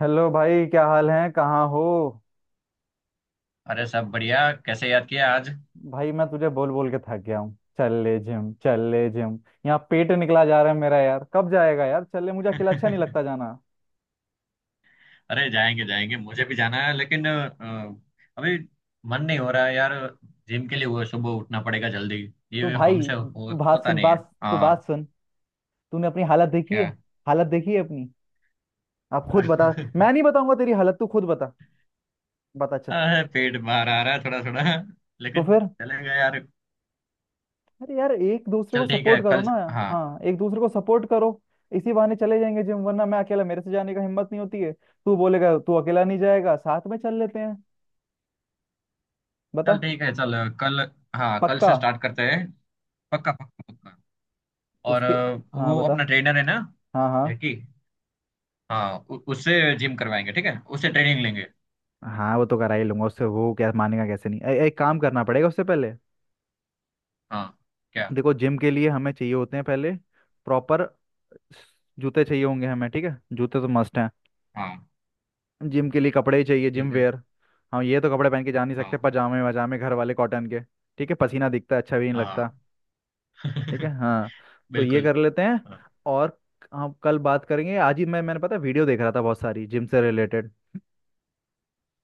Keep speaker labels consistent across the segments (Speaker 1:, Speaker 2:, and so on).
Speaker 1: Hello भाई, क्या हाल है? कहाँ हो?
Speaker 2: अरे सब बढ़िया। कैसे याद किया आज?
Speaker 1: भाई, मैं तुझे बोल बोल के थक गया हूँ। चल ले जिम, चल ले जिम। यहाँ पेट निकला जा रहा है मेरा, यार। कब जाएगा यार, चल ले, मुझे अकेला अच्छा नहीं लगता जाना।
Speaker 2: अरे जाएंगे जाएंगे, मुझे भी जाना है लेकिन अभी मन नहीं हो रहा है यार। जिम के लिए वो सुबह उठना पड़ेगा जल्दी।
Speaker 1: तू
Speaker 2: ये
Speaker 1: भाई,
Speaker 2: हमसे होता नहीं है।
Speaker 1: तू बात
Speaker 2: हाँ।
Speaker 1: सुन। तूने अपनी हालत देखी है?
Speaker 2: क्या?
Speaker 1: हालत देखी है अपनी? आप खुद बता। मैं नहीं बताऊंगा तेरी हालत, तू खुद बता। बता, चल।
Speaker 2: अरे पेट बाहर आ रहा है थोड़ा थोड़ा,
Speaker 1: तो
Speaker 2: लेकिन
Speaker 1: फिर?
Speaker 2: चलेगा यार।
Speaker 1: अरे यार, एक दूसरे को
Speaker 2: चल ठीक है,
Speaker 1: सपोर्ट करो
Speaker 2: कल।
Speaker 1: ना।
Speaker 2: हाँ।
Speaker 1: हाँ, एक दूसरे को सपोर्ट करो। इसी बहाने चले जाएंगे जिम, वरना मैं अकेला, मेरे से जाने का हिम्मत नहीं होती है। तू बोलेगा तू अकेला नहीं जाएगा, साथ में चल लेते हैं।
Speaker 2: चल
Speaker 1: बता।
Speaker 2: ठीक है, चल। कल। हाँ, कल
Speaker 1: पक्का।
Speaker 2: से स्टार्ट करते हैं। पक्का पक्का पक्का। और
Speaker 1: उसके। हाँ
Speaker 2: वो
Speaker 1: बता।
Speaker 2: अपना ट्रेनर है ना,
Speaker 1: हाँ हाँ
Speaker 2: जैकी। हाँ, उससे जिम करवाएंगे, ठीक है, उससे ट्रेनिंग लेंगे।
Speaker 1: हाँ। वो तो करा ही लूंगा उससे, वो क्या मानेगा कैसे नहीं। एक काम करना पड़ेगा उससे पहले।
Speaker 2: हाँ। क्या?
Speaker 1: देखो, जिम के लिए हमें चाहिए होते हैं पहले प्रॉपर जूते। चाहिए होंगे हमें, ठीक है? जूते तो मस्ट।
Speaker 2: हाँ।
Speaker 1: जिम के लिए कपड़े ही चाहिए, जिम
Speaker 2: ठीक है।
Speaker 1: वेयर। हाँ, ये तो कपड़े पहन के जा नहीं
Speaker 2: हाँ
Speaker 1: सकते, पजामे वजामे घर वाले कॉटन के। ठीक है? पसीना दिखता है, अच्छा भी नहीं लगता।
Speaker 2: हाँ।
Speaker 1: ठीक है। हाँ, तो ये
Speaker 2: बिल्कुल।
Speaker 1: कर लेते हैं।
Speaker 2: हाँ।
Speaker 1: और हम कल बात करेंगे। आज ही मैंने, पता है, वीडियो देख रहा था बहुत सारी जिम से रिलेटेड।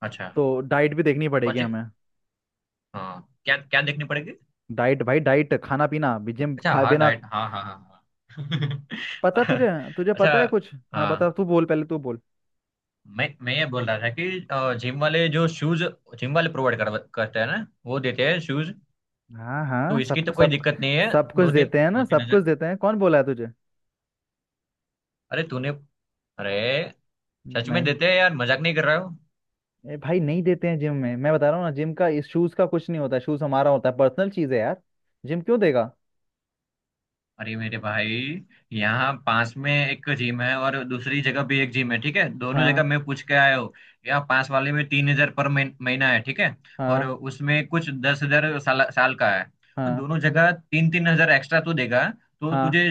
Speaker 2: अच्छा।
Speaker 1: तो डाइट भी देखनी
Speaker 2: कौन
Speaker 1: पड़ेगी
Speaker 2: सी?
Speaker 1: हमें।
Speaker 2: हाँ, क्या क्या देखनी पड़ेगी?
Speaker 1: डाइट भाई, डाइट, खाना पीना। भी जिम
Speaker 2: अच्छा
Speaker 1: खाए
Speaker 2: हाँ,
Speaker 1: बिना
Speaker 2: डाइट, हाँ हाँ हाँ।
Speaker 1: पता
Speaker 2: हाँ।
Speaker 1: तुझे? तुझे
Speaker 2: अच्छा।
Speaker 1: पता है कुछ? हाँ बता,
Speaker 2: हाँ।
Speaker 1: तू बोल पहले, तू बोल।
Speaker 2: मैं ये बोल रहा था कि जिम वाले जो शूज, जिम वाले प्रोवाइड करते हैं ना, वो देते हैं शूज।
Speaker 1: हाँ
Speaker 2: तो
Speaker 1: हाँ,
Speaker 2: इसकी
Speaker 1: सब
Speaker 2: तो
Speaker 1: कुछ,
Speaker 2: कोई
Speaker 1: सब।
Speaker 2: दिक्कत नहीं है।
Speaker 1: सब कुछ
Speaker 2: दो तीन,
Speaker 1: देते हैं ना?
Speaker 2: दो तीन
Speaker 1: सब कुछ
Speaker 2: हजार।
Speaker 1: देते हैं? कौन बोला है तुझे?
Speaker 2: अरे तूने। अरे, सच में
Speaker 1: नहीं,
Speaker 2: देते हैं यार, मजाक नहीं कर रहा हो।
Speaker 1: ए भाई, नहीं देते हैं जिम में, मैं बता रहा हूँ ना। जिम का इस शूज का कुछ नहीं होता। शूज हमारा होता है, पर्सनल चीज है यार। जिम क्यों देगा?
Speaker 2: अरे मेरे भाई, यहाँ पास में एक जिम है और दूसरी जगह भी एक जिम है, ठीक है। दोनों जगह
Speaker 1: हाँ
Speaker 2: मैं पूछ के आया हूँ। यहाँ पास वाले में 3 हज़ार पर महीना है, ठीक है। और
Speaker 1: हाँ
Speaker 2: उसमें कुछ 10 हज़ार साल का है। तो
Speaker 1: हाँ
Speaker 2: दोनों जगह 3-3 हज़ार एक्स्ट्रा तू देगा, तो
Speaker 1: हाँ।
Speaker 2: तुझे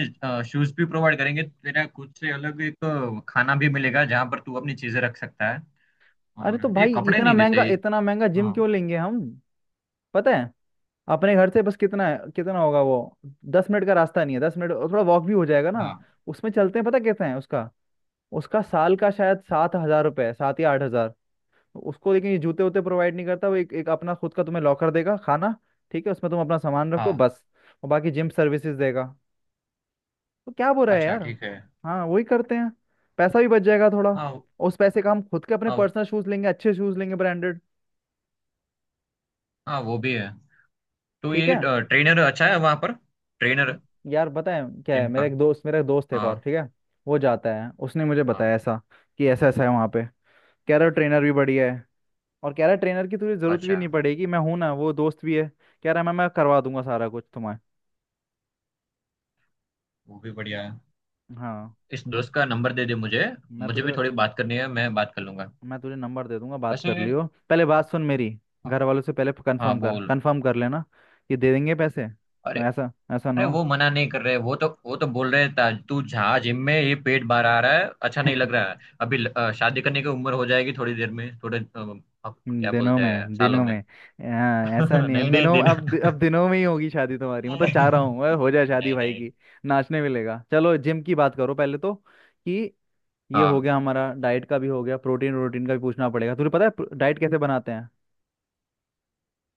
Speaker 2: शूज भी प्रोवाइड करेंगे, तेरा खुद से अलग एक खाना भी मिलेगा जहाँ पर तू अपनी चीजें रख सकता है।
Speaker 1: अरे
Speaker 2: और
Speaker 1: तो
Speaker 2: ये
Speaker 1: भाई,
Speaker 2: कपड़े
Speaker 1: इतना
Speaker 2: नहीं
Speaker 1: महंगा,
Speaker 2: देते।
Speaker 1: इतना महंगा जिम
Speaker 2: हाँ
Speaker 1: क्यों लेंगे हम? पता है, अपने घर से बस कितना है, कितना होगा वो? 10 मिनट का रास्ता नहीं है? 10 मिनट, और थोड़ा वॉक भी हो जाएगा ना।
Speaker 2: हाँ
Speaker 1: उसमें चलते हैं, पता कितना है उसका? उसका साल का शायद 7,000 रुपये है, 7 या 8 हजार। उसको, लेकिन ये जूते वूते प्रोवाइड नहीं करता। वो एक एक अपना खुद का तुम्हें लॉकर देगा, खाना, ठीक है? उसमें तुम अपना सामान रखो
Speaker 2: हाँ।
Speaker 1: बस। और बाकी जिम सर्विसेज देगा। तो क्या बुरा है
Speaker 2: अच्छा
Speaker 1: यार?
Speaker 2: ठीक है।
Speaker 1: हाँ, वही करते हैं। पैसा भी बच जाएगा थोड़ा।
Speaker 2: हाँ
Speaker 1: उस पैसे का हम खुद के अपने
Speaker 2: हाँ।
Speaker 1: पर्सनल शूज लेंगे, अच्छे शूज लेंगे, ब्रांडेड।
Speaker 2: हाँ, वो भी है। तो
Speaker 1: ठीक
Speaker 2: ये
Speaker 1: है।
Speaker 2: ट्रेनर अच्छा है वहां पर? ट्रेनर?
Speaker 1: यार बताएं क्या है,
Speaker 2: जिम का?
Speaker 1: मेरा एक दोस्त है, एक और,
Speaker 2: हाँ।
Speaker 1: ठीक है। वो जाता है, उसने मुझे
Speaker 2: हाँ।
Speaker 1: बताया ऐसा, कि ऐसा ऐसा है वहाँ पे। कह रहा ट्रेनर भी बढ़िया है। और कह रहा ट्रेनर की तुझे जरूरत भी
Speaker 2: अच्छा,
Speaker 1: नहीं पड़ेगी, मैं हूं ना, वो दोस्त भी है। कह रहा मैं करवा दूंगा सारा कुछ तुम्हें।
Speaker 2: वो भी बढ़िया है।
Speaker 1: हाँ।
Speaker 2: इस
Speaker 1: तो
Speaker 2: दोस्त का नंबर दे दे मुझे,
Speaker 1: मैं
Speaker 2: मुझे भी
Speaker 1: तुझे
Speaker 2: थोड़ी बात करनी है, मैं बात कर लूंगा।
Speaker 1: मैं तुझे नंबर दे दूंगा, बात
Speaker 2: वैसे
Speaker 1: कर
Speaker 2: हाँ।
Speaker 1: लियो, पहले बात सुन मेरी। घर वालों से पहले
Speaker 2: हाँ,
Speaker 1: कंफर्म कर,
Speaker 2: बोल।
Speaker 1: कंफर्म कर लेना। ये दे देंगे पैसे?
Speaker 2: अरे
Speaker 1: ऐसा ऐसा ना
Speaker 2: अरे,
Speaker 1: हो।
Speaker 2: वो मना नहीं कर रहे। वो तो बोल रहे था तू जहाँ जिम में। ये पेट बाहर आ रहा है, अच्छा नहीं लग रहा है। अभी शादी करने की उम्र हो जाएगी थोड़ी देर में, थोड़े अब क्या
Speaker 1: दिनों
Speaker 2: बोलते हैं
Speaker 1: में,
Speaker 2: सालों
Speaker 1: दिनों
Speaker 2: में।
Speaker 1: में। हाँ, ऐसा नहीं है
Speaker 2: नहीं नहीं
Speaker 1: दिनों।
Speaker 2: दिन।
Speaker 1: अब दिनों में ही होगी शादी तुम्हारी, मतलब चाह रहा हूँ, अरे
Speaker 2: नहीं।
Speaker 1: हो जाए शादी भाई
Speaker 2: नहीं।
Speaker 1: की। नाचने मिलेगा। चलो जिम की बात करो पहले तो, कि ये हो
Speaker 2: हाँ।
Speaker 1: गया हमारा, डाइट का भी हो गया। प्रोटीन, प्रोटीन का भी पूछना पड़ेगा। तुझे पता है डाइट कैसे बनाते हैं?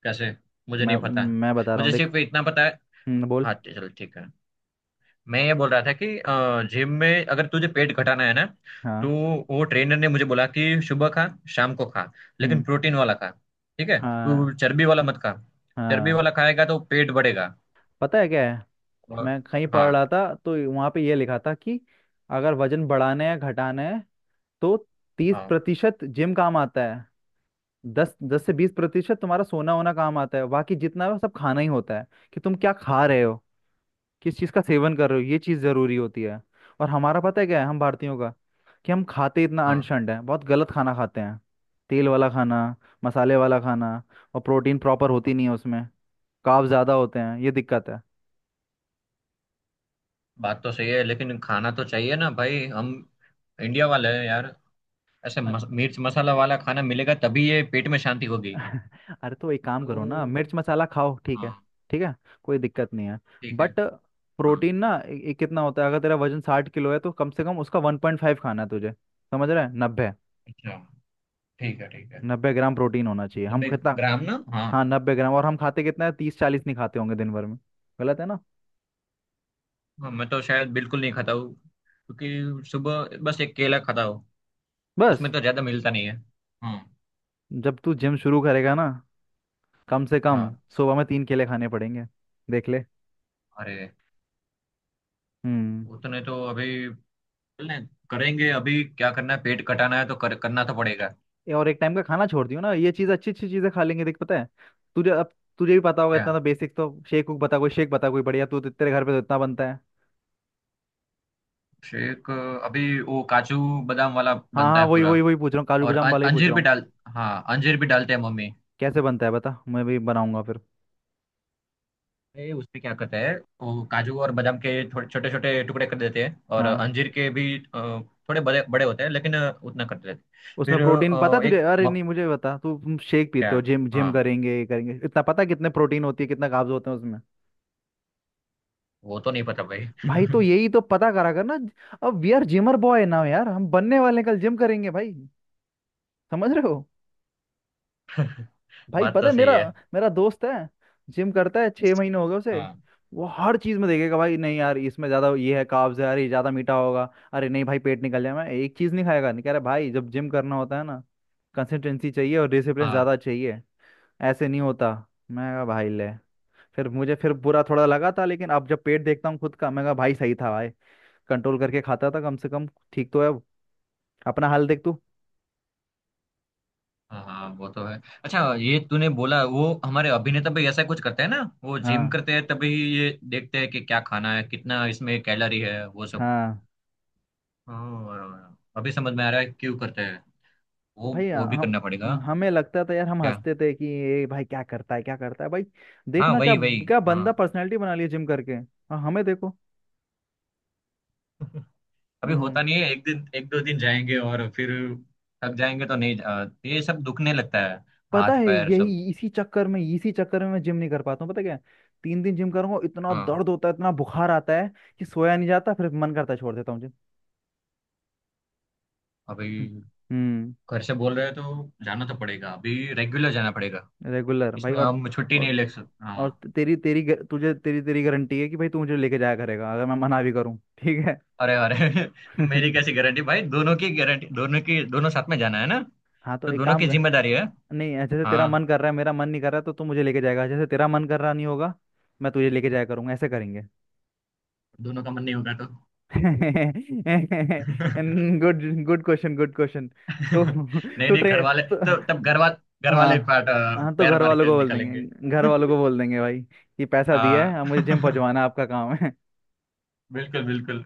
Speaker 2: कैसे? मुझे
Speaker 1: मैं
Speaker 2: नहीं पता।
Speaker 1: मैं बता रहा हूँ,
Speaker 2: मुझे
Speaker 1: देख।
Speaker 2: सिर्फ इतना पता है।
Speaker 1: बोल।
Speaker 2: हाँ, चलो ठीक है। मैं ये बोल रहा था कि जिम में अगर तुझे पेट घटाना है ना, तो
Speaker 1: हाँ।
Speaker 2: वो ट्रेनर ने मुझे बोला कि सुबह खा, शाम को खा, लेकिन
Speaker 1: हम्म।
Speaker 2: प्रोटीन वाला खा। ठीक है।
Speaker 1: हाँ
Speaker 2: तू चर्बी वाला मत खा। चर्बी
Speaker 1: हाँ।
Speaker 2: वाला खाएगा तो पेट बढ़ेगा।
Speaker 1: पता है क्या है,
Speaker 2: और
Speaker 1: मैं कहीं पढ़
Speaker 2: हाँ
Speaker 1: रहा था। तो वहां पे ये लिखा था कि अगर वजन बढ़ाना है, घटाना है, तो तीस
Speaker 2: हाँ
Speaker 1: प्रतिशत जिम काम आता है। दस दस से 20% तुम्हारा सोना होना काम आता है। बाकी जितना है वो सब खाना ही होता है, कि तुम क्या खा रहे हो, किस चीज़ का सेवन कर रहे हो। ये चीज़ ज़रूरी होती है। और हमारा पता है क्या है, हम भारतीयों का, कि हम खाते इतना
Speaker 2: हाँ।
Speaker 1: अनशंड है। बहुत गलत खाना खाते हैं। तेल वाला खाना, मसाले वाला खाना, और प्रोटीन प्रॉपर होती नहीं है उसमें। कार्ब ज़्यादा होते हैं, ये दिक्कत है।
Speaker 2: बात तो सही है, लेकिन खाना तो चाहिए ना भाई। हम इंडिया वाले हैं यार। ऐसे मिर्च मसाला वाला खाना मिलेगा तभी ये पेट में शांति होगी।
Speaker 1: अरे तो एक काम
Speaker 2: तो
Speaker 1: करो ना, मिर्च मसाला खाओ, ठीक है।
Speaker 2: हाँ।
Speaker 1: ठीक है, कोई दिक्कत नहीं है।
Speaker 2: ठीक है
Speaker 1: बट
Speaker 2: हाँ।
Speaker 1: प्रोटीन ना, ए, ए, कितना होता है, अगर तेरा वजन 60 किलो है, तो कम से कम उसका 1.5 खाना है तुझे। समझ रहा है? नब्बे।
Speaker 2: अच्छा ठीक है, ठीक है।
Speaker 1: 90 ग्राम प्रोटीन होना चाहिए। हम
Speaker 2: नब्बे
Speaker 1: कितना?
Speaker 2: ग्राम ना? हाँ।
Speaker 1: हाँ, 90 ग्राम। और हम खाते कितना है? 30 40 नहीं खाते होंगे दिन भर में। गलत है ना?
Speaker 2: हाँ, मैं तो शायद बिल्कुल नहीं खाता हूँ, क्योंकि सुबह बस एक केला खाता हूँ।
Speaker 1: बस,
Speaker 2: उसमें तो ज्यादा मिलता नहीं है। हम्म।
Speaker 1: जब तू जिम शुरू करेगा ना, कम से कम
Speaker 2: हाँ।
Speaker 1: सुबह में तीन केले खाने पड़ेंगे। देख ले।
Speaker 2: अरे
Speaker 1: हम्म।
Speaker 2: उतने तो अभी चलें, करेंगे। अभी क्या करना है, पेट कटाना है तो करना तो पड़ेगा।
Speaker 1: ये, और एक टाइम का खाना छोड़ दियो ना। ये चीज अच्छी अच्छी चीजें खा लेंगे। देख, पता है तुझे अब? तुझे भी पता होगा
Speaker 2: क्या?
Speaker 1: इतना तो बेसिक तो। शेक उक बता, कोई शेक बता कोई बढ़िया। तू तो, तेरे घर पे तो इतना बनता है।
Speaker 2: शेक? अभी वो काजू बादाम वाला
Speaker 1: हाँ
Speaker 2: बनता
Speaker 1: हाँ,
Speaker 2: है
Speaker 1: वही
Speaker 2: पूरा।
Speaker 1: वही वही पूछ रहा हूँ, काजू
Speaker 2: और
Speaker 1: बादाम वाला ही पूछ
Speaker 2: अंजीर
Speaker 1: रहा
Speaker 2: भी
Speaker 1: हूँ।
Speaker 2: डाल। हाँ, अंजीर भी डालते हैं मम्मी।
Speaker 1: कैसे बनता है बता, मैं भी बनाऊंगा फिर।
Speaker 2: उसमें क्या करते हैं, वो काजू और बादाम के थोड़े छोटे छोटे टुकड़े कर देते हैं, और
Speaker 1: हाँ।
Speaker 2: अंजीर के भी थोड़े बड़े बड़े होते हैं, लेकिन उतना करते रहते हैं।
Speaker 1: उसमें
Speaker 2: फिर
Speaker 1: प्रोटीन पता है
Speaker 2: अ,
Speaker 1: तुझे?
Speaker 2: एक
Speaker 1: अरे
Speaker 2: म-
Speaker 1: नहीं, मुझे बता तू, शेक
Speaker 2: क्या?
Speaker 1: पीते हो, जिम
Speaker 2: हाँ,
Speaker 1: जिम करेंगे, ये करेंगे, इतना पता है कितने प्रोटीन होती है, कितना कार्ब्स होते हैं उसमें?
Speaker 2: वो तो नहीं पता भाई।
Speaker 1: भाई तो यही तो पता करा कर ना। अब we are gymmer boy now, यार, हम बनने वाले हैं, कल जिम करेंगे भाई। समझ रहे हो? भाई,
Speaker 2: बात
Speaker 1: पता
Speaker 2: तो
Speaker 1: है
Speaker 2: सही
Speaker 1: मेरा
Speaker 2: है।
Speaker 1: मेरा दोस्त है, जिम करता है, 6 महीने हो गए उसे।
Speaker 2: हाँ।
Speaker 1: वो हर चीज में देखेगा भाई, नहीं यार इसमें ज्यादा ये है, कार्ब्स है, अरे ये ज्यादा मीठा होगा, अरे नहीं भाई पेट निकल जाए, मैं एक चीज नहीं खाएगा। नहीं कह रहा भाई, जब जिम करना होता है ना, कंसिस्टेंसी चाहिए और डिसिप्लिन
Speaker 2: हाँ
Speaker 1: ज्यादा चाहिए। ऐसे नहीं होता। मैं कहा भाई, ले। फिर बुरा थोड़ा लगा था, लेकिन अब जब पेट देखता हूँ खुद का, मैं कहा भाई, सही था भाई। कंट्रोल करके खाता था कम से कम। ठीक तो है अब। अपना हाल देख तू।
Speaker 2: हाँ। हाँ, वो तो है। अच्छा, ये तूने बोला वो हमारे अभिनेता भी ऐसा कुछ करते हैं ना, वो जिम
Speaker 1: हाँ
Speaker 2: करते हैं तभी ये देखते हैं कि क्या खाना है, कितना इसमें कैलोरी है, वो सब।
Speaker 1: हाँ
Speaker 2: हाँ, अभी समझ में आ रहा है क्यों करते हैं। वो
Speaker 1: भाई।
Speaker 2: वो भी
Speaker 1: हम
Speaker 2: करना पड़ेगा।
Speaker 1: हमें लगता था यार, हम
Speaker 2: क्या?
Speaker 1: हंसते थे कि ये भाई क्या करता है, क्या करता है भाई,
Speaker 2: हाँ,
Speaker 1: देखना क्या?
Speaker 2: वही वही।
Speaker 1: क्या बंदा
Speaker 2: हाँ।
Speaker 1: पर्सनैलिटी बना लिया जिम करके, हाँ हमें देखो।
Speaker 2: अभी
Speaker 1: हम्म।
Speaker 2: होता नहीं है। एक दिन, एक दो दिन जाएंगे और फिर थक जाएंगे तो नहीं, ये सब दुखने लगता है,
Speaker 1: पता
Speaker 2: हाथ
Speaker 1: है
Speaker 2: पैर सब।
Speaker 1: यही, इसी चक्कर में, इसी चक्कर में मैं जिम नहीं कर पाता हूँ, पता क्या। तीन दिन जिम करूंगा, इतना
Speaker 2: हाँ।
Speaker 1: दर्द होता है, इतना बुखार आता है कि सोया नहीं जाता, फिर मन करता है छोड़ देता हूँ जिम।
Speaker 2: अभी
Speaker 1: हम्म। हम्म।
Speaker 2: घर से बोल रहे हो तो जाना तो पड़ेगा, अभी रेगुलर जाना पड़ेगा।
Speaker 1: रेगुलर भाई।
Speaker 2: इसमें हम छुट्टी नहीं
Speaker 1: और
Speaker 2: ले सकते। हाँ।
Speaker 1: और तेरी तेरी ग- तुझे तेरी तेरी गारंटी है कि भाई तू मुझे लेके जाया करेगा, अगर मैं मना भी करूँ, ठीक है?
Speaker 2: अरे अरे। मेरी कैसी गारंटी भाई? दोनों की गारंटी, दोनों की, दोनों साथ में जाना है ना,
Speaker 1: हाँ, तो
Speaker 2: तो
Speaker 1: एक
Speaker 2: दोनों
Speaker 1: काम
Speaker 2: की
Speaker 1: कर,
Speaker 2: जिम्मेदारी है।
Speaker 1: नहीं, जैसे तेरा
Speaker 2: हाँ।
Speaker 1: मन कर रहा है मेरा मन नहीं कर रहा, तो तू मुझे लेके जाएगा। जैसे तेरा मन कर रहा नहीं होगा, मैं तुझे लेके जाया करूंगा। ऐसे करेंगे।
Speaker 2: दोनों का मन नहीं होगा तो?
Speaker 1: Good, good question, good question. तो,
Speaker 2: नहीं
Speaker 1: तो
Speaker 2: नहीं, घर
Speaker 1: ट्रे
Speaker 2: वाले
Speaker 1: तो,
Speaker 2: तो। तब घर वाले। घर वाले
Speaker 1: हाँ
Speaker 2: पार्ट।
Speaker 1: हाँ, तो
Speaker 2: पैर
Speaker 1: घर
Speaker 2: मार
Speaker 1: वालों को
Speaker 2: के
Speaker 1: बोल
Speaker 2: निकलेंगे।
Speaker 1: देंगे, घर वालों को बोल देंगे भाई कि पैसा दिया
Speaker 2: हाँ।
Speaker 1: है, अब मुझे जिम पहुंचवाना आपका काम है।
Speaker 2: बिल्कुल बिल्कुल।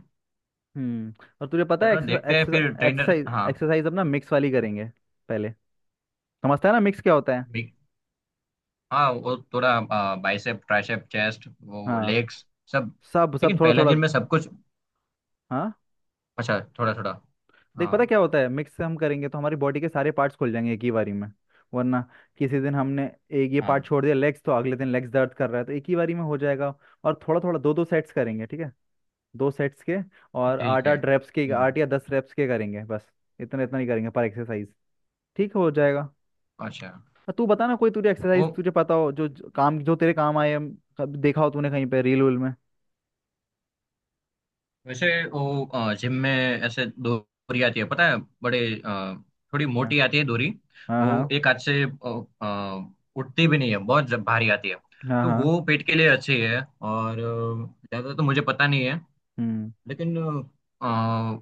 Speaker 1: हम्म। और तुझे पता है,
Speaker 2: चलो देखते हैं फिर ट्रेनर।
Speaker 1: एक्सरसाइज,
Speaker 2: हाँ।
Speaker 1: एक्सरसाइज अपना मिक्स वाली करेंगे पहले। समझता है ना मिक्स क्या होता है?
Speaker 2: बिग- हाँ, वो थोड़ा बाइसेप, ट्राइसेप, चेस्ट, वो
Speaker 1: हाँ,
Speaker 2: लेग्स, सब।
Speaker 1: सब, सब
Speaker 2: लेकिन
Speaker 1: थोड़ा
Speaker 2: पहले
Speaker 1: थोड़ा।
Speaker 2: दिन में सब कुछ?
Speaker 1: हाँ।
Speaker 2: अच्छा थोड़ा थोड़ा।
Speaker 1: देख
Speaker 2: हाँ।
Speaker 1: पता क्या होता है, मिक्स हम करेंगे तो हमारी बॉडी के सारे पार्ट्स खुल जाएंगे एक ही बारी में। वरना किसी दिन हमने एक ये
Speaker 2: हाँ।
Speaker 1: पार्ट छोड़ दिया लेग्स, तो अगले दिन लेग्स दर्द कर रहा है, तो एक ही बारी में हो जाएगा। और थोड़ा थोड़ा दो दो सेट्स करेंगे, ठीक है? दो सेट्स के, और
Speaker 2: ठीक
Speaker 1: आठ
Speaker 2: है।
Speaker 1: आठ रेप्स के,
Speaker 2: हम्म।
Speaker 1: आठ या दस रेप्स के करेंगे बस। इतना इतना ही करेंगे पर एक्सरसाइज, ठीक हो जाएगा।
Speaker 2: अच्छा।
Speaker 1: और तू बता ना, कोई तुझे
Speaker 2: वो
Speaker 1: एक्सरसाइज तुझे पता हो, जो जो काम जो तेरे काम आए, कब देखा हो तूने कहीं पे रील वील में।
Speaker 2: वैसे वो जिम में ऐसे डोरी आती है, पता है? बड़े अ, थोड़ी
Speaker 1: हाँ
Speaker 2: मोटी आती है डोरी।
Speaker 1: हाँ
Speaker 2: वो
Speaker 1: हाँ
Speaker 2: एक हाथ से उठती भी नहीं है, बहुत जब भारी आती है,
Speaker 1: हाँ
Speaker 2: तो
Speaker 1: हाँ,
Speaker 2: वो पेट के लिए अच्छी है। और ज्यादा तो मुझे पता नहीं है,
Speaker 1: हम्म।
Speaker 2: लेकिन अ,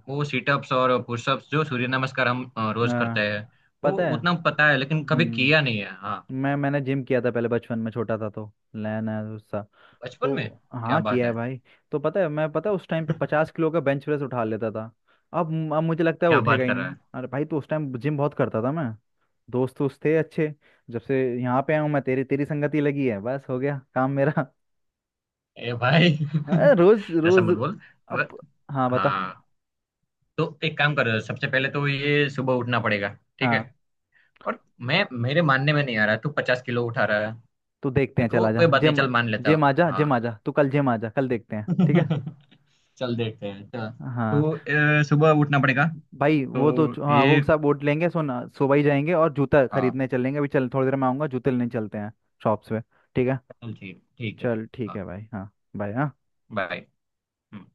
Speaker 2: वो सीटअप्स और पुशअप्स, जो सूर्य नमस्कार हम रोज करते
Speaker 1: हाँ,
Speaker 2: हैं। वो
Speaker 1: पता है।
Speaker 2: उतना पता है, लेकिन कभी किया
Speaker 1: हम्म।
Speaker 2: नहीं है। हाँ।
Speaker 1: मैंने जिम किया था पहले, बचपन में छोटा था तो, लैन है उसका।
Speaker 2: बचपन
Speaker 1: तो
Speaker 2: में? क्या
Speaker 1: हाँ,
Speaker 2: बात
Speaker 1: किया है
Speaker 2: है?
Speaker 1: भाई। तो पता है, मैं पता है, उस टाइम पे 50 किलो का बेंच प्रेस उठा लेता था। अब मुझे लगता है
Speaker 2: क्या
Speaker 1: उठेगा
Speaker 2: बात
Speaker 1: ही
Speaker 2: कर रहा
Speaker 1: नहीं,
Speaker 2: है?
Speaker 1: अरे भाई तो उस टाइम जिम बहुत करता था मैं, दोस्त दोस्त थे अच्छे। जब से यहाँ पे आया हूँ, मैं तेरी तेरी संगति लगी है, बस, हो गया काम मेरा।
Speaker 2: ए भाई।
Speaker 1: अरे रोज
Speaker 2: ऐसा
Speaker 1: रोज।
Speaker 2: मत बोल। र-
Speaker 1: अब, हाँ बता।
Speaker 2: हाँ, तो एक काम कर, सबसे पहले तो ये सुबह उठना पड़ेगा, ठीक है।
Speaker 1: हाँ,
Speaker 2: और मैं मेरे मानने में नहीं आ रहा तू 50 किलो उठा रहा है।
Speaker 1: तो देखते
Speaker 2: तो
Speaker 1: हैं, चल आजा
Speaker 2: कोई बात नहीं,
Speaker 1: जिम।
Speaker 2: चल, मान लेता
Speaker 1: जिम
Speaker 2: हूँ।
Speaker 1: आजा, जिम
Speaker 2: हाँ।
Speaker 1: आजा, तू कल जिम आजा, कल देखते हैं, ठीक है?
Speaker 2: चल देखते हैं चल।
Speaker 1: हाँ।
Speaker 2: तो सुबह उठना पड़ेगा।
Speaker 1: भाई वो तो
Speaker 2: तो
Speaker 1: हाँ,
Speaker 2: ये।
Speaker 1: वो सब वोट लेंगे, सुना? सुबह ही जाएंगे और जूता
Speaker 2: हाँ,
Speaker 1: खरीदने चलेंगे। अभी चल, थोड़ी देर में आऊंगा, जूते लेने चलते हैं शॉप्स पे, ठीक है?
Speaker 2: चल ठीक, ठीक है।
Speaker 1: चल, ठीक है
Speaker 2: हाँ।
Speaker 1: भाई। हाँ, बाय। हाँ।
Speaker 2: बाय।